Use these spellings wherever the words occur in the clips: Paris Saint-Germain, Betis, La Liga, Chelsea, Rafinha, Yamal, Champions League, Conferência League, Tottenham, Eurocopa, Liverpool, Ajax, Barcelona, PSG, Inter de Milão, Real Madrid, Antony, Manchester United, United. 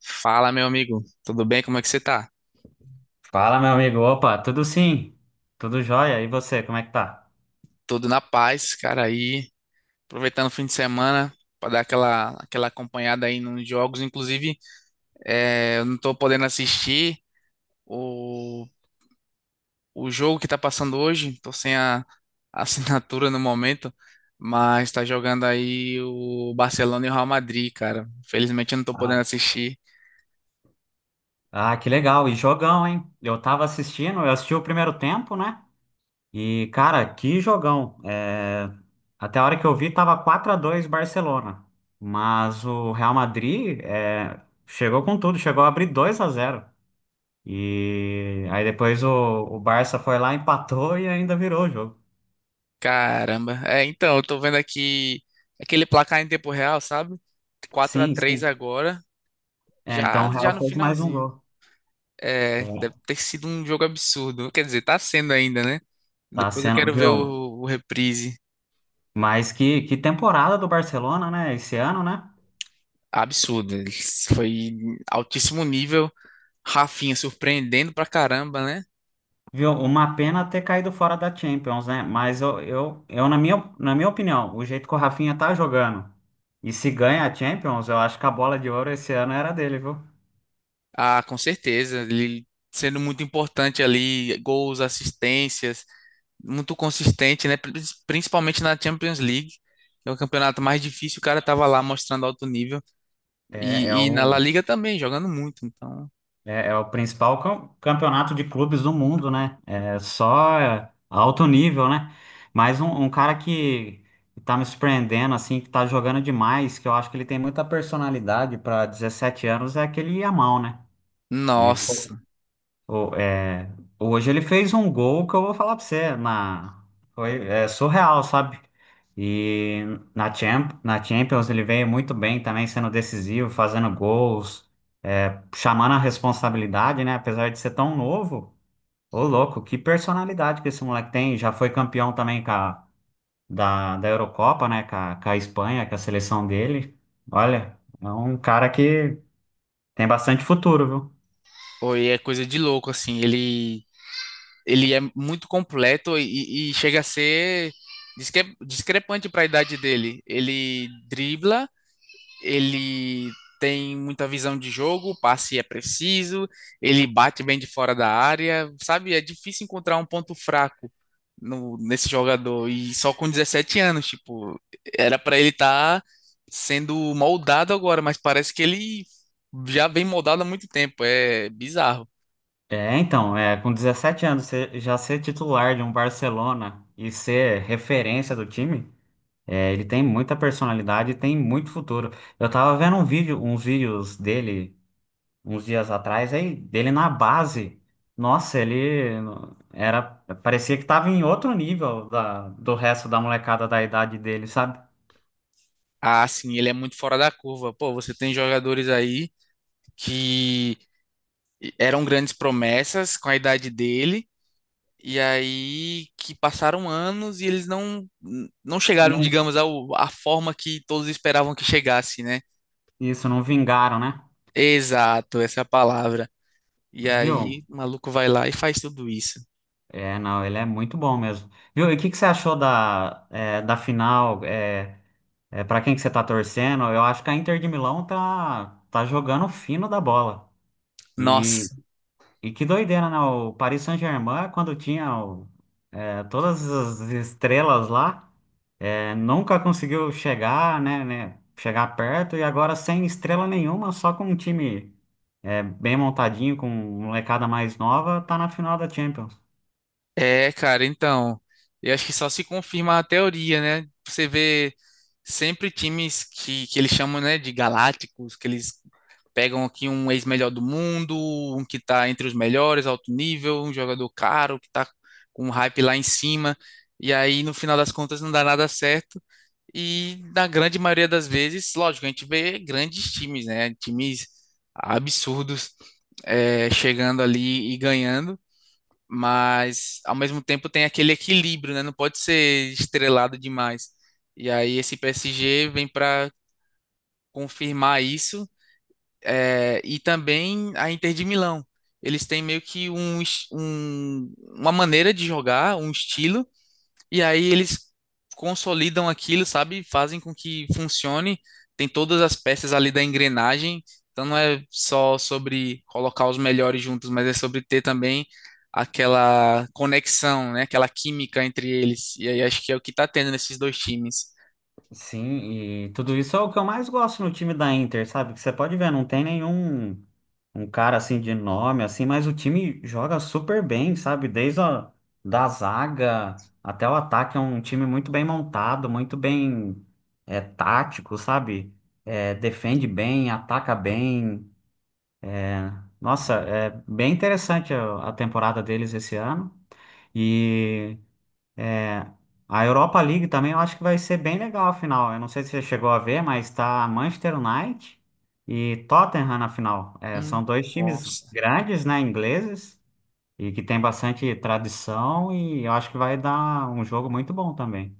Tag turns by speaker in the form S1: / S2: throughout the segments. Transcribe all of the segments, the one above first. S1: Fala, meu amigo. Tudo bem? Como é que você tá?
S2: Fala, meu amigo. Opa, tudo sim? Tudo jóia? E você, como é que tá?
S1: Tudo na paz, cara. Aí, aproveitando o fim de semana para dar aquela acompanhada aí nos jogos. Inclusive, eu não tô podendo assistir o, o jogo que tá passando hoje. Tô sem a assinatura no momento, mas tá jogando aí o Barcelona e o Real Madrid, cara. Felizmente eu não tô podendo
S2: Ah,
S1: assistir.
S2: Ah, que legal. E jogão, hein? Eu tava assistindo, eu assisti o primeiro tempo, né? E, cara, que jogão. Até a hora que eu vi, tava 4-2 Barcelona. Mas o Real Madrid chegou com tudo, chegou a abrir 2-0. E aí depois o Barça foi lá, empatou e ainda virou o jogo.
S1: Caramba. É, então, eu tô vendo aqui aquele placar em tempo real, sabe? Quatro a
S2: Sim,
S1: três
S2: sim.
S1: agora.
S2: É, então o
S1: Já, já
S2: Real
S1: no
S2: fez mais um
S1: finalzinho.
S2: gol.
S1: É, deve
S2: É,
S1: ter sido um jogo absurdo. Quer dizer, tá sendo ainda, né?
S2: tá
S1: Depois eu
S2: sendo,
S1: quero ver
S2: viu?
S1: o reprise.
S2: Mas que temporada do Barcelona, né? Esse ano, né?
S1: Absurdo. Foi altíssimo nível. Rafinha surpreendendo pra caramba, né?
S2: Viu? Uma pena ter caído fora da Champions, né? Mas eu na na minha opinião, o jeito que o Rafinha tá jogando e se ganha a Champions, eu acho que a bola de ouro esse ano era dele, viu?
S1: Ah, com certeza. Ele sendo muito importante ali, gols, assistências, muito consistente, né? Principalmente na Champions League. É o campeonato mais difícil, o cara tava lá mostrando alto nível.
S2: É, é
S1: E na La
S2: o,
S1: Liga também, jogando muito. Então,
S2: é o principal campeonato de clubes do mundo, né? É só alto nível, né? Mas um cara que tá me surpreendendo, assim, que tá jogando demais, que eu acho que ele tem muita personalidade para 17 anos, é aquele Yamal, né? Ele, fo-
S1: nossa.
S2: o- é, hoje ele fez um gol que eu vou falar pra você, foi surreal, sabe? E na Champions ele veio muito bem também, sendo decisivo, fazendo gols, chamando a responsabilidade, né? Apesar de ser tão novo, ô louco, que personalidade que esse moleque tem. Já foi campeão também da Eurocopa, né? Com com a Espanha, com a seleção dele. Olha, é um cara que tem bastante futuro, viu?
S1: Oi, é coisa de louco, assim. Ele é muito completo e chega a ser discrepante para a idade dele. Ele dribla, ele tem muita visão de jogo, o passe é preciso, ele bate bem de fora da área, sabe? É difícil encontrar um ponto fraco nesse jogador. E só com 17 anos, tipo, era para ele estar sendo moldado agora, mas parece que ele já vem moldado há muito tempo. É bizarro.
S2: É, então, é, com 17 anos, você já ser titular de um Barcelona e ser referência do time, é, ele tem muita personalidade e tem muito futuro. Eu tava vendo um vídeo, uns vídeos dele uns dias atrás, aí, dele na base. Nossa, ele era, parecia que tava em outro nível do resto da molecada da idade dele, sabe?
S1: Ah, sim, ele é muito fora da curva. Pô, você tem jogadores aí que eram grandes promessas com a idade dele, e aí que passaram anos e eles não chegaram,
S2: Não,
S1: digamos, à forma que todos esperavam que chegasse, né?
S2: isso, não vingaram, né?
S1: Exato, essa é a palavra. E
S2: Viu?
S1: aí o maluco vai lá e faz tudo isso.
S2: É, não, ele é muito bom mesmo. Viu? E o que que você achou da, é, da final? É, É, para quem que você tá torcendo? Eu acho que a Inter de Milão tá jogando fino da bola. E,
S1: Nossa,
S2: e que doideira, né? O Paris Saint-Germain, quando tinha todas as estrelas lá, é, nunca conseguiu chegar, né, chegar perto. E agora sem estrela nenhuma, só com um time é, bem montadinho, com molecada mais nova, tá na final da Champions.
S1: é, cara, então, eu acho que só se confirma a teoria, né? Você vê sempre times que eles chamam, né, de galácticos, que eles pegam aqui um ex-melhor do mundo, um que está entre os melhores, alto nível, um jogador caro, que está com um hype lá em cima. E aí, no final das contas, não dá nada certo. E na grande maioria das vezes, lógico, a gente vê grandes times, né? Times absurdos chegando ali e ganhando, mas ao mesmo tempo tem aquele equilíbrio, né? Não pode ser estrelado demais. E aí esse PSG vem para confirmar isso, e também a Inter de Milão. Eles têm meio que uma maneira de jogar, um estilo, e aí eles consolidam aquilo, sabe? Fazem com que funcione. Tem todas as peças ali da engrenagem. Então não é só sobre colocar os melhores juntos, mas é sobre ter também aquela conexão, né? Aquela química entre eles. E aí acho que é o que tá tendo nesses dois times.
S2: Sim, e tudo isso é o que eu mais gosto no time da Inter, sabe? Que você pode ver, não tem nenhum um cara assim de nome, assim, mas o time joga super bem, sabe? Desde a da zaga até o ataque, é um time muito bem montado, muito bem é, tático, sabe? É, defende bem, ataca bem. Nossa, é bem interessante a temporada deles esse ano. E a Europa League também eu acho que vai ser bem legal a final. Eu não sei se você chegou a ver, mas tá Manchester United e Tottenham na final. É,
S1: Hum.
S2: são dois times
S1: Nossa.
S2: grandes, né, ingleses. E que tem bastante tradição e eu acho que vai dar um jogo muito bom também.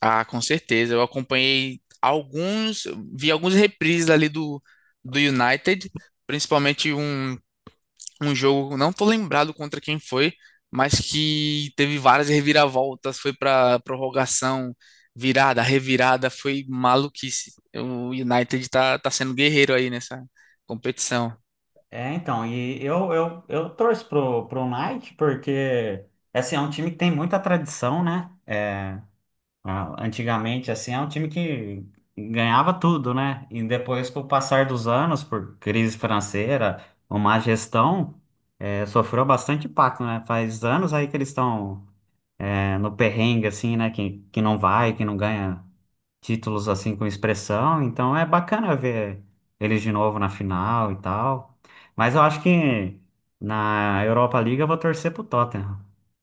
S1: Ah, com certeza. Eu acompanhei alguns, vi alguns reprises ali do United, principalmente um, um jogo, não tô lembrado contra quem foi, mas que teve várias reviravoltas, foi para prorrogação, virada, revirada, foi maluquice. Tá sendo guerreiro aí nessa competição.
S2: É, então, e eu torço pro Knight porque, assim, é um time que tem muita tradição, né? É, ah, antigamente, assim, é um time que ganhava tudo, né? E depois, com o passar dos anos, por crise financeira, uma má gestão, é, sofreu bastante impacto, né? Faz anos aí que eles estão, é, no perrengue, assim, né? Que não vai, que não ganha títulos assim com expressão, então é bacana ver eles de novo na final e tal. Mas eu acho que na Europa League eu vou torcer pro Tottenham,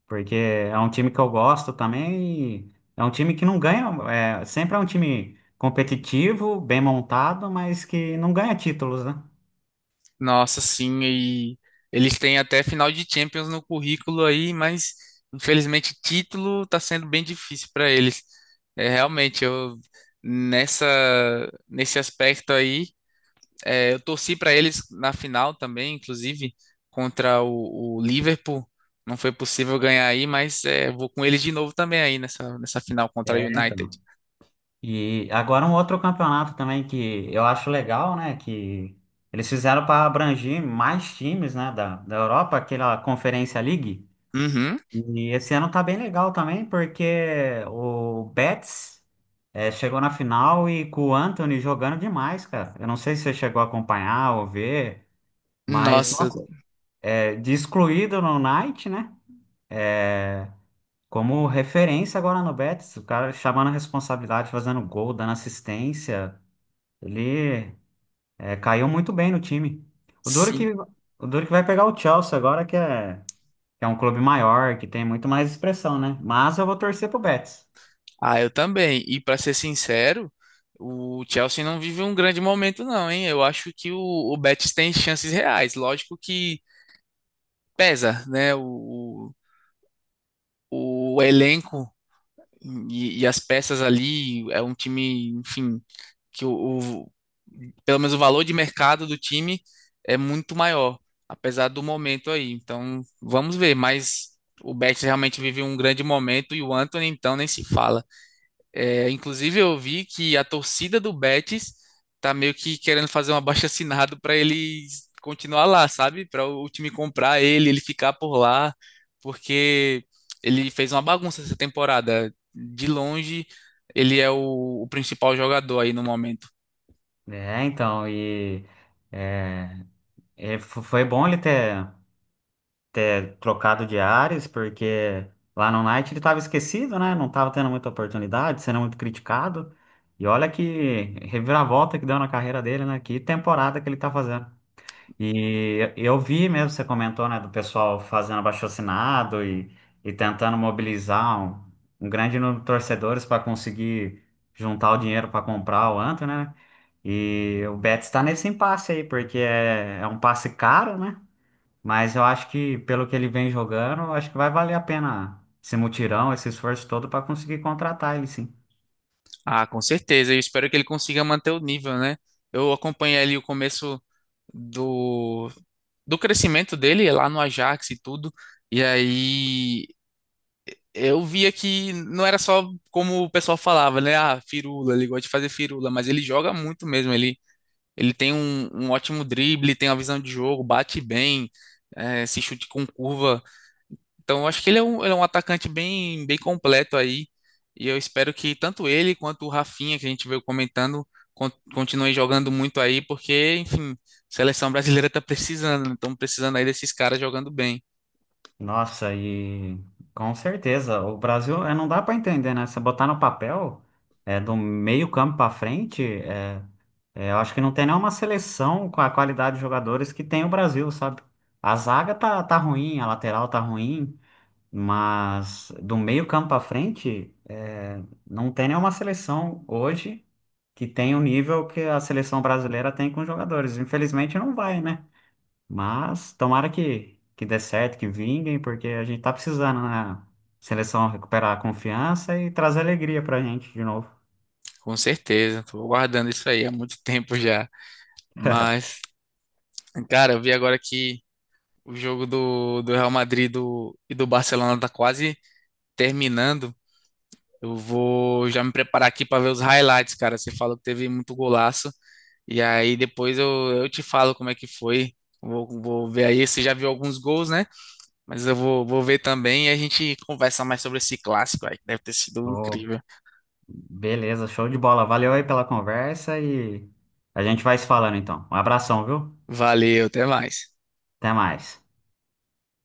S2: porque é um time que eu gosto também, e é um time que não ganha, é, sempre é um time competitivo, bem montado, mas que não ganha títulos, né?
S1: Nossa, sim, e eles têm até final de Champions no currículo aí, mas infelizmente título tá sendo bem difícil para eles. É, realmente, eu nessa nesse aspecto aí, é, eu torci para eles na final também, inclusive contra o Liverpool. Não foi possível ganhar aí, mas é, vou com eles de novo também aí nessa final contra a
S2: É,
S1: United.
S2: então. E agora um outro campeonato também que eu acho legal, né? Que eles fizeram para abranger mais times, né? Da Europa, aquela Conferência League.
S1: Uhum.
S2: E esse ano tá bem legal também, porque o Betis chegou na final e com o Antony jogando demais, cara. Eu não sei se você chegou a acompanhar ou ver, mas,
S1: Nossa,
S2: nossa, eh, de excluído no Knight, né? Eh, como referência agora no Betis, o cara chamando a responsabilidade, fazendo gol, dando assistência. Ele caiu muito bem no time. O duro
S1: sim.
S2: que, o duro que vai pegar o Chelsea agora, que é um clube maior, que tem muito mais expressão, né? Mas eu vou torcer pro Betis.
S1: Ah, eu também. E para ser sincero, o Chelsea não vive um grande momento, não, hein? Eu acho que o Betis tem chances reais. Lógico que pesa, né? O elenco e as peças ali é um time, enfim, que o, o- pelo menos o valor de mercado do time é muito maior, apesar do momento aí. Então, vamos ver. Mas o Betis realmente vive um grande momento e o Antony, então, nem se fala. É, inclusive, eu vi que a torcida do Betis tá meio que querendo fazer um abaixo-assinado para ele continuar lá, sabe? Para o time comprar ele, ele ficar por lá, porque ele fez uma bagunça essa temporada. De longe, ele é o principal jogador aí no momento.
S2: É, então, e é, foi bom ele ter trocado de ares, porque lá no Knight ele estava esquecido, né? Não estava tendo muita oportunidade, sendo muito criticado. E olha que reviravolta que deu na carreira dele, né? Que temporada que ele tá fazendo. E eu vi mesmo, você comentou, né, do pessoal fazendo abaixo-assinado e tentando mobilizar um grande número de torcedores para conseguir juntar o dinheiro para comprar o Antony, né? E o Betis está nesse impasse aí, porque é um passe caro, né? Mas eu acho que, pelo que ele vem jogando, eu acho que vai valer a pena esse mutirão, esse esforço todo para conseguir contratar ele, sim.
S1: Ah, com certeza. Eu espero que ele consiga manter o nível, né? Eu acompanhei ali o começo do do crescimento dele lá no Ajax e tudo. E aí eu via que não era só como o pessoal falava, né? Ah, firula, ele gosta de fazer firula, mas ele joga muito mesmo. Ele tem um ótimo drible, tem uma visão de jogo, bate bem, se chute com curva. Então, eu acho que ele é um atacante bem, bem completo aí. E eu espero que tanto ele quanto o Rafinha, que a gente veio comentando, continuem jogando muito aí, porque, enfim, a seleção brasileira tá precisando, né? Estamos precisando aí desses caras jogando bem.
S2: Nossa, e com certeza, o Brasil é, não dá para entender, né? Você botar no papel, é, do meio campo para frente, eu acho que não tem nenhuma seleção com a qualidade de jogadores que tem o Brasil, sabe? A zaga tá ruim, a lateral tá ruim, mas do meio campo para frente, é, não tem nenhuma seleção hoje que tem o nível que a seleção brasileira tem com os jogadores. Infelizmente não vai, né? Mas tomara que dê certo, que vinguem, porque a gente tá precisando na seleção recuperar a confiança e trazer alegria pra gente de novo.
S1: Com certeza, estou aguardando isso aí há muito tempo já. Mas, cara, eu vi agora que o jogo do Real Madrid e do Barcelona tá quase terminando. Eu vou já me preparar aqui para ver os highlights, cara. Você falou que teve muito golaço. E aí depois eu te falo como é que foi. Vou ver aí. Você já viu alguns gols, né? Mas eu vou ver também e a gente conversa mais sobre esse clássico aí, que deve ter sido
S2: Ô,
S1: incrível.
S2: beleza, show de bola. Valeu aí pela conversa e a gente vai se falando então. Um abração, viu?
S1: Valeu, até mais.
S2: Até mais.